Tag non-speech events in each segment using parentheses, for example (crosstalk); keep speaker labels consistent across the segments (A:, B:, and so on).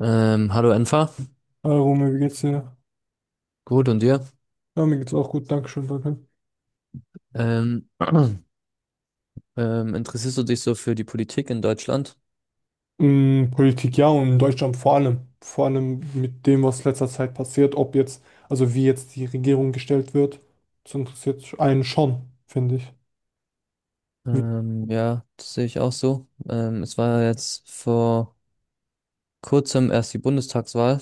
A: Hallo Enfa,
B: Hallo Romeo, wie geht's dir?
A: gut und dir?
B: Ja, mir geht's auch gut, Dankeschön, danke.
A: Ähm, (clears throat) interessierst du dich so für die Politik in Deutschland?
B: Mm, Politik ja und in Deutschland vor allem. Vor allem mit dem, was letzter Zeit passiert, ob jetzt, also wie jetzt die Regierung gestellt wird, das interessiert einen schon, finde ich. Wie,
A: Ja, das sehe ich auch so. Es war jetzt vor kurzem erst die Bundestagswahl.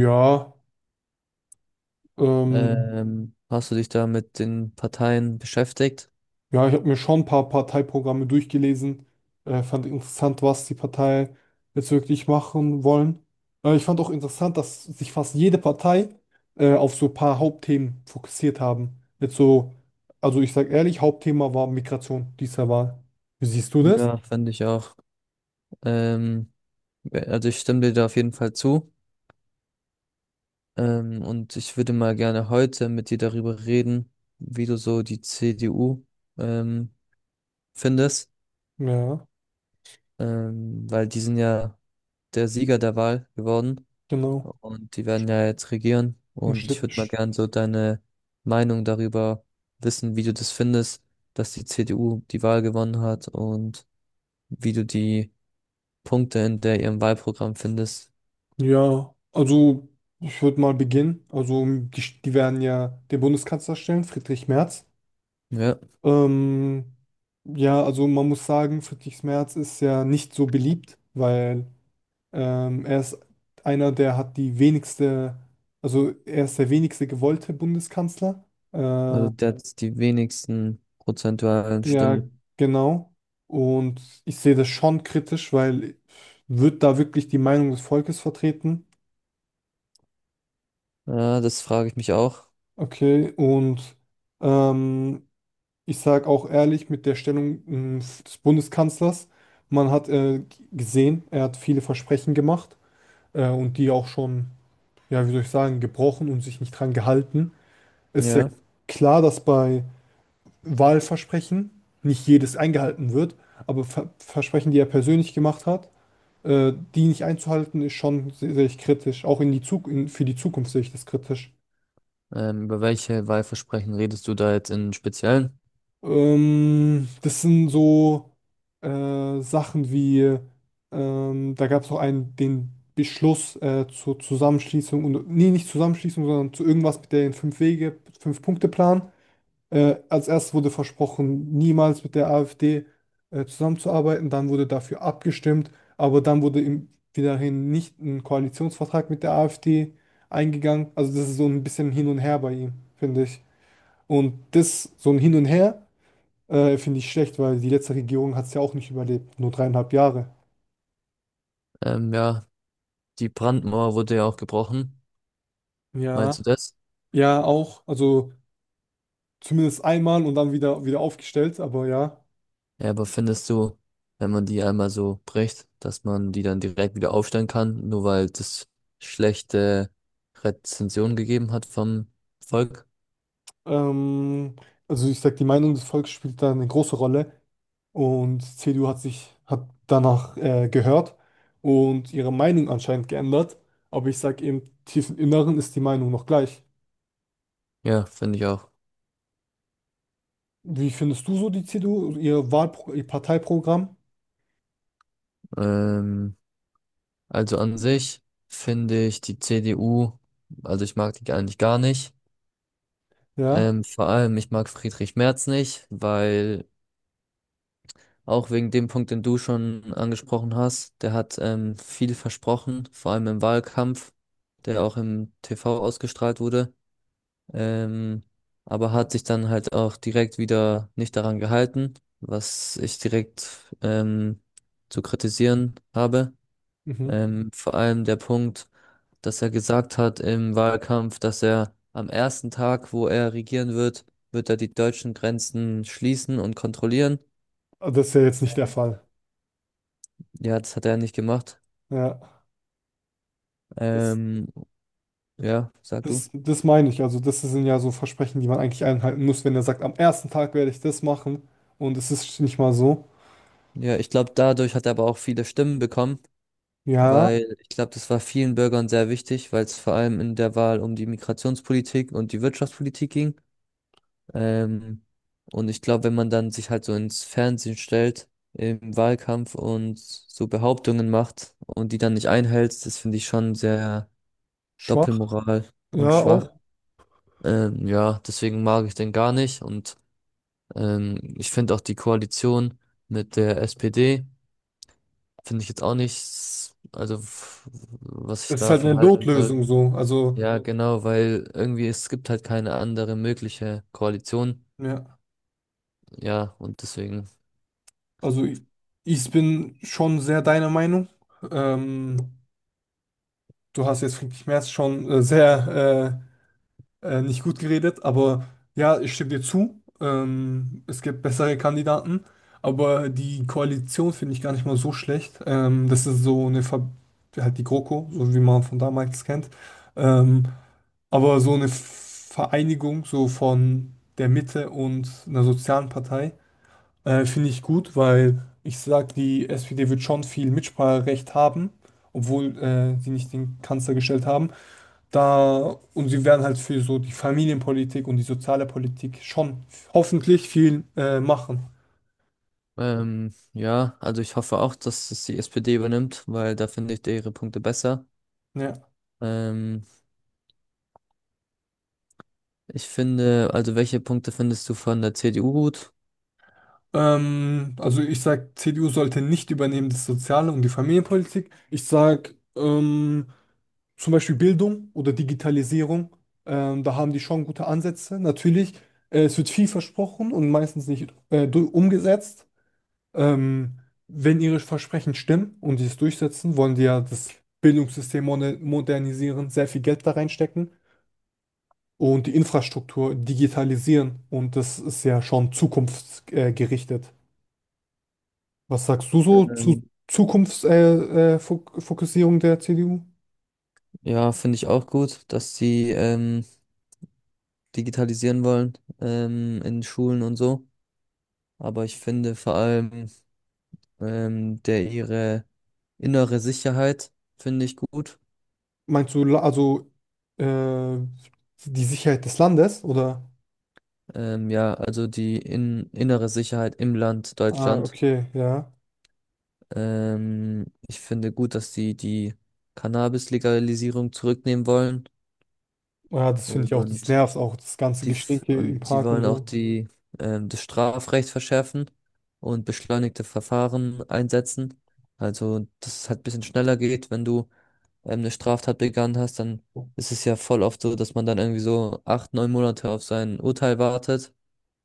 B: ja, ähm,
A: Hast du dich da mit den Parteien beschäftigt?
B: ja, ich habe mir schon ein paar Parteiprogramme durchgelesen. Fand interessant, was die Parteien jetzt wirklich machen wollen. Ich fand auch interessant, dass sich fast jede Partei auf so ein paar Hauptthemen fokussiert haben. Jetzt so, also ich sage ehrlich, Hauptthema war Migration dieser Wahl. Wie siehst du das?
A: Ja, fand ich auch. Ähm, ja, also ich stimme dir da auf jeden Fall zu. Und ich würde mal gerne heute mit dir darüber reden, wie du so die CDU ähm, findest.
B: Ja,
A: Weil die sind ja der Sieger der Wahl geworden
B: genau.
A: und die werden ja jetzt regieren.
B: Und
A: Und ich
B: st-
A: würde mal
B: st-
A: gern so deine Meinung darüber wissen, wie du das findest, dass die CDU die Wahl gewonnen hat und wie du die Punkte in der ihrem Wahlprogramm findest.
B: Ja, also ich würde mal beginnen. Also die, die werden ja den Bundeskanzler stellen, Friedrich Merz.
A: Ja,
B: Ähm, ja, also man muss sagen, Friedrich Merz ist ja nicht so beliebt, weil er ist einer, der hat die wenigste, also er ist der wenigste gewollte Bundeskanzler. Äh,
A: also der hat die wenigsten prozentualen
B: ja,
A: Stimmen.
B: genau. Und ich sehe das schon kritisch, weil wird da wirklich die Meinung des Volkes vertreten?
A: Ja, das frage ich mich auch.
B: Okay, und ähm, ich sage auch ehrlich, mit der Stellung des Bundeskanzlers, man hat gesehen, er hat viele Versprechen gemacht und die auch schon, ja, wie soll ich sagen, gebrochen und sich nicht dran gehalten. Ist ja
A: Ja.
B: klar, dass bei Wahlversprechen nicht jedes eingehalten wird, aber Versprechen, die er persönlich gemacht hat, die nicht einzuhalten, ist schon, sehe ich kritisch. Auch in die für die Zukunft sehe ich das kritisch.
A: Über welche Wahlversprechen redest du da jetzt im Speziellen?
B: Das sind so Sachen wie, da gab es auch einen, den Beschluss zur Zusammenschließung, und, nee, nicht Zusammenschließung, sondern zu irgendwas mit den fünf Wege, Fünf-Punkte-Plan. Als erstes wurde versprochen, niemals mit der AfD zusammenzuarbeiten, dann wurde dafür abgestimmt, aber dann wurde im, wiederhin nicht ein Koalitionsvertrag mit der AfD eingegangen. Also das ist so ein bisschen hin und her bei ihm, finde ich. Und das, so ein Hin und Her. Finde ich schlecht, weil die letzte Regierung hat es ja auch nicht überlebt. Nur 3,5 Jahre.
A: Ja, die Brandmauer wurde ja auch gebrochen.
B: Ja.
A: Meinst du das?
B: Ja, auch. Also zumindest einmal und dann wieder aufgestellt, aber ja.
A: Ja, aber findest du, wenn man die einmal so bricht, dass man die dann direkt wieder aufstellen kann, nur weil das schlechte Rezension gegeben hat vom Volk?
B: Ähm, also ich sag, die Meinung des Volkes spielt da eine große Rolle und CDU hat sich, hat danach gehört und ihre Meinung anscheinend geändert. Aber ich sag, im tiefen Inneren ist die Meinung noch gleich.
A: Ja, finde ich auch.
B: Wie findest du so die CDU, und ihr Wahlpro ihr Parteiprogramm?
A: Ähm, also an sich finde ich die CDU, also ich mag die eigentlich gar nicht.
B: Ja.
A: Vor allem, ich mag Friedrich Merz nicht, weil auch wegen dem Punkt, den du schon angesprochen hast, der hat viel versprochen, vor allem im Wahlkampf, der auch im TV ausgestrahlt wurde, ähm, aber hat sich dann halt auch direkt wieder nicht daran gehalten, was ich direkt ähm, zu kritisieren habe.
B: Mhm.
A: Vor allem der Punkt, dass er gesagt hat im Wahlkampf, dass er am ersten Tag, wo er regieren wird, wird er die deutschen Grenzen schließen und kontrollieren.
B: Aber das ist ja jetzt nicht der Fall.
A: Ja, das hat er nicht gemacht.
B: Ja. Das
A: Ähm, ja, sag du.
B: Das, das meine ich. Also, das sind ja so Versprechen, die man eigentlich einhalten muss, wenn er sagt, am ersten Tag werde ich das machen. Und es ist nicht mal so.
A: Ja, ich glaube, dadurch hat er aber auch viele Stimmen bekommen,
B: Ja,
A: weil ich glaube, das war vielen Bürgern sehr wichtig, weil es vor allem in der Wahl um die Migrationspolitik und die Wirtschaftspolitik ging. Ähm, und ich glaube, wenn man dann sich halt so ins Fernsehen stellt im Wahlkampf und so Behauptungen macht und die dann nicht einhält, das finde ich schon sehr
B: schwach.
A: Doppelmoral und
B: Ja,
A: schwach.
B: auch.
A: Ja, deswegen mag ich den gar nicht und ich finde auch die Koalition mit der SPD. Finde ich jetzt auch nichts, also was ich
B: Es ist halt eine
A: davon halten soll.
B: Notlösung so. Also,
A: Ja, ja, genau, weil irgendwie es gibt halt keine andere mögliche Koalition.
B: ja.
A: Ja, und deswegen.
B: Also, ich bin schon sehr deiner Meinung. Ähm, Du hast jetzt, finde ich, mehr schon sehr äh, nicht gut geredet, aber ja, ich stimme dir zu. Es gibt bessere Kandidaten, aber die Koalition finde ich gar nicht mal so schlecht. Das ist so eine, Ver halt die GroKo, so wie man von damals kennt. Ähm, aber so eine Vereinigung so von der Mitte und einer sozialen Partei finde ich gut, weil ich sage, die SPD wird schon viel Mitspracherecht haben, obwohl sie nicht den Kanzler gestellt haben. Da, und sie werden halt für so die Familienpolitik und die soziale Politik schon hoffentlich viel machen.
A: Ja, also ich hoffe auch, dass es die SPD übernimmt, weil da finde ich ihre Punkte besser.
B: Ja.
A: Ähm, Ich finde, also welche Punkte findest du von der CDU gut?
B: Also ich sage, CDU sollte nicht übernehmen das Soziale und die Familienpolitik. Ich sage zum Beispiel Bildung oder Digitalisierung. Da haben die schon gute Ansätze. Natürlich, es wird viel versprochen und meistens nicht umgesetzt. Ähm, Wenn ihre Versprechen stimmen und sie es durchsetzen, wollen die ja das Bildungssystem modernisieren, sehr viel Geld da reinstecken und die Infrastruktur digitalisieren. Und das ist ja schon zukunftsgerichtet. Was sagst du so zu
A: Ähm,
B: Zukunftsfokussierung Fokussierung der CDU?
A: ja, finde ich auch gut, dass sie digitalisieren wollen in Schulen und so. Aber ich finde vor allem der ihre innere Sicherheit finde ich gut.
B: Meinst du also äh, die Sicherheit des Landes oder?
A: Ja, also die innere Sicherheit im Land
B: Ah,
A: Deutschland.
B: okay, ja.
A: Ich finde gut, dass sie die Cannabis-Legalisierung zurücknehmen wollen.
B: Ja, das finde ich auch, das
A: Und
B: nervt auch, das ganze
A: die,
B: Gestinke im
A: und die
B: Park und
A: wollen auch
B: so.
A: die, das Strafrecht verschärfen und beschleunigte Verfahren einsetzen. Also, dass es halt ein bisschen schneller geht, wenn du eine Straftat begangen hast, dann ist es ja voll oft so, dass man dann irgendwie so acht, neun Monate auf sein Urteil wartet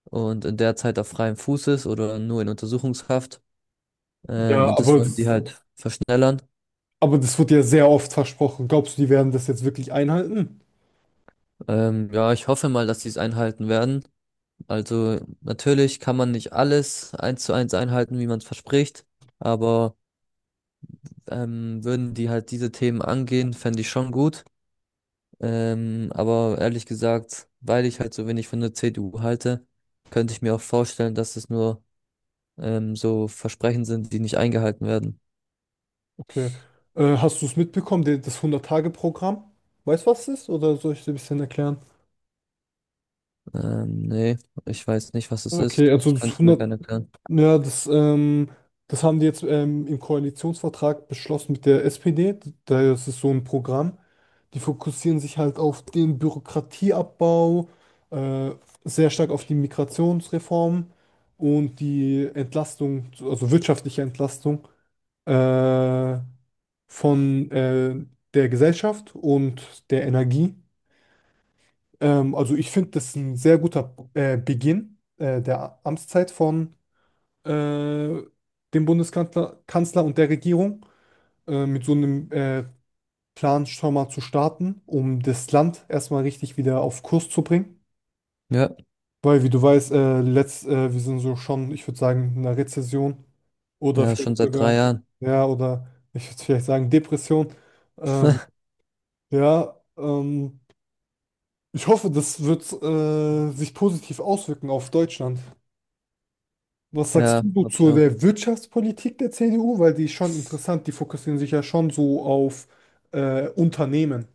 A: und in der Zeit auf freiem Fuß ist oder nur in Untersuchungshaft.
B: Ja,
A: Und das
B: aber
A: wollen die halt verschnellern.
B: Aber das wird ja sehr oft versprochen. Glaubst du, die werden das jetzt wirklich einhalten?
A: Ja, ich hoffe mal, dass sie es einhalten werden. Also natürlich kann man nicht alles eins zu eins einhalten, wie man es verspricht, aber würden die halt diese Themen angehen, fände ich schon gut. Aber ehrlich gesagt, weil ich halt so wenig von der CDU halte, könnte ich mir auch vorstellen, dass es nur so Versprechen sind, die nicht eingehalten werden.
B: Okay. Hast du es mitbekommen, das 100-Tage-Programm? Weißt du, was es ist? Oder soll ich dir ein bisschen erklären?
A: Nee, ich weiß nicht, was es
B: Okay,
A: ist.
B: also
A: Das
B: das
A: kannst du mir
B: 100,
A: gerne erklären.
B: ja, das haben die jetzt im Koalitionsvertrag beschlossen mit der SPD. Da ist es so ein Programm. Die fokussieren sich halt auf den Bürokratieabbau, äh, sehr stark auf die Migrationsreform und die Entlastung, also wirtschaftliche Entlastung, äh, von der Gesellschaft und der Energie. Also ich finde, das ist ein sehr guter Beginn der Amtszeit von äh, dem Bundeskanzler Kanzler und der Regierung, mit so einem Plan schon mal zu starten, um das Land erstmal richtig wieder auf Kurs zu bringen.
A: Ja,
B: Weil, wie du weißt, wir sind so schon, ich würde sagen, in einer Rezession oder
A: ja,
B: vielleicht
A: schon seit drei
B: sogar,
A: Jahren.
B: ja, oder ich würde vielleicht sagen, Depression. Ähm, Ja, ähm, ich hoffe, das wird sich positiv auswirken auf Deutschland. Was sagst
A: Ja,
B: du so
A: hab ich
B: zu
A: auch.
B: der Wirtschaftspolitik der CDU? Weil die ist schon interessant, die fokussieren sich ja schon so auf Unternehmen.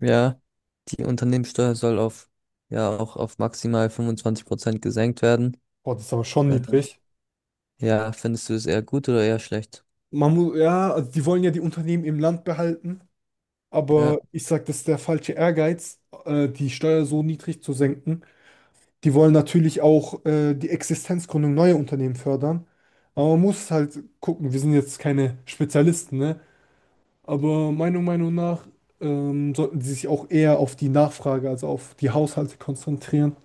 A: Ja. Die Unternehmenssteuer soll auf, ja, auch auf maximal 25% gesenkt werden.
B: Boah, das ist aber schon
A: Äh,
B: niedrig.
A: Ja, findest du es eher gut oder eher schlecht?
B: Man muss, ja, also die wollen ja die Unternehmen im Land behalten,
A: Ja,
B: aber ich sage, das ist der falsche Ehrgeiz, die Steuer so niedrig zu senken. Die wollen natürlich auch die Existenzgründung neuer Unternehmen fördern. Aber man muss halt gucken, wir sind jetzt keine Spezialisten, ne? Aber meiner Meinung nach sollten sie sich auch eher auf die Nachfrage, also auf die Haushalte konzentrieren.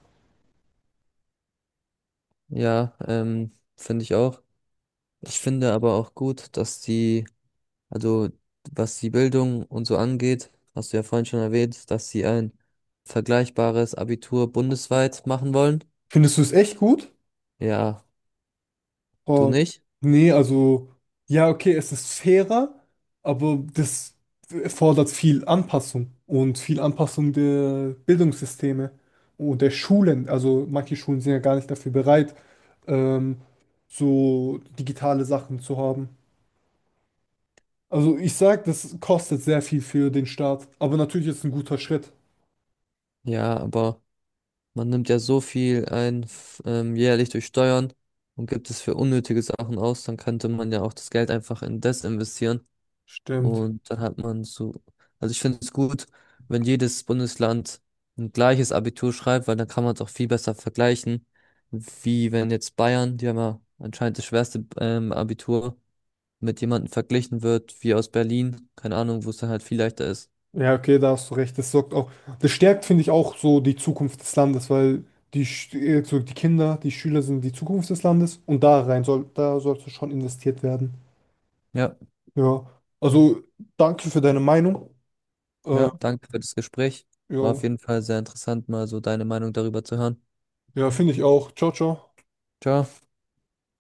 A: ja, finde ich auch. Ich finde aber auch gut, dass die, also was die Bildung und so angeht, hast du ja vorhin schon erwähnt, dass sie ein vergleichbares Abitur bundesweit machen wollen.
B: Findest du es echt gut?
A: Ja, du
B: Oh,
A: nicht?
B: nee, also, ja, okay, es ist fairer, aber das erfordert viel Anpassung und viel Anpassung der Bildungssysteme und der Schulen. Also, manche Schulen sind ja gar nicht dafür bereit, ähm, so digitale Sachen zu haben. Also, ich sag, das kostet sehr viel für den Staat, aber natürlich ist es ein guter Schritt.
A: Ja, aber man nimmt ja so viel ein jährlich durch Steuern und gibt es für unnötige Sachen aus, dann könnte man ja auch das Geld einfach in das investieren
B: Stimmt.
A: und dann hat man so, also ich finde es gut, wenn jedes Bundesland ein gleiches Abitur schreibt, weil dann kann man es auch viel besser vergleichen, wie wenn jetzt Bayern, die haben ja anscheinend das schwerste Abitur, mit jemandem verglichen wird, wie aus Berlin, keine Ahnung, wo es dann halt viel leichter ist.
B: Ja, okay, da hast du recht. Das sorgt auch, das stärkt, finde ich, auch so die Zukunft des Landes, weil so die Kinder, die Schüler sind die Zukunft des Landes und da sollte schon investiert werden.
A: Ja.
B: Ja, also danke für deine Meinung. Äh,
A: Ja, danke für das Gespräch. War auf
B: jo.
A: jeden Fall sehr interessant, mal so deine Meinung darüber zu hören.
B: Ja, finde ich auch. Ciao, ciao.
A: Ciao.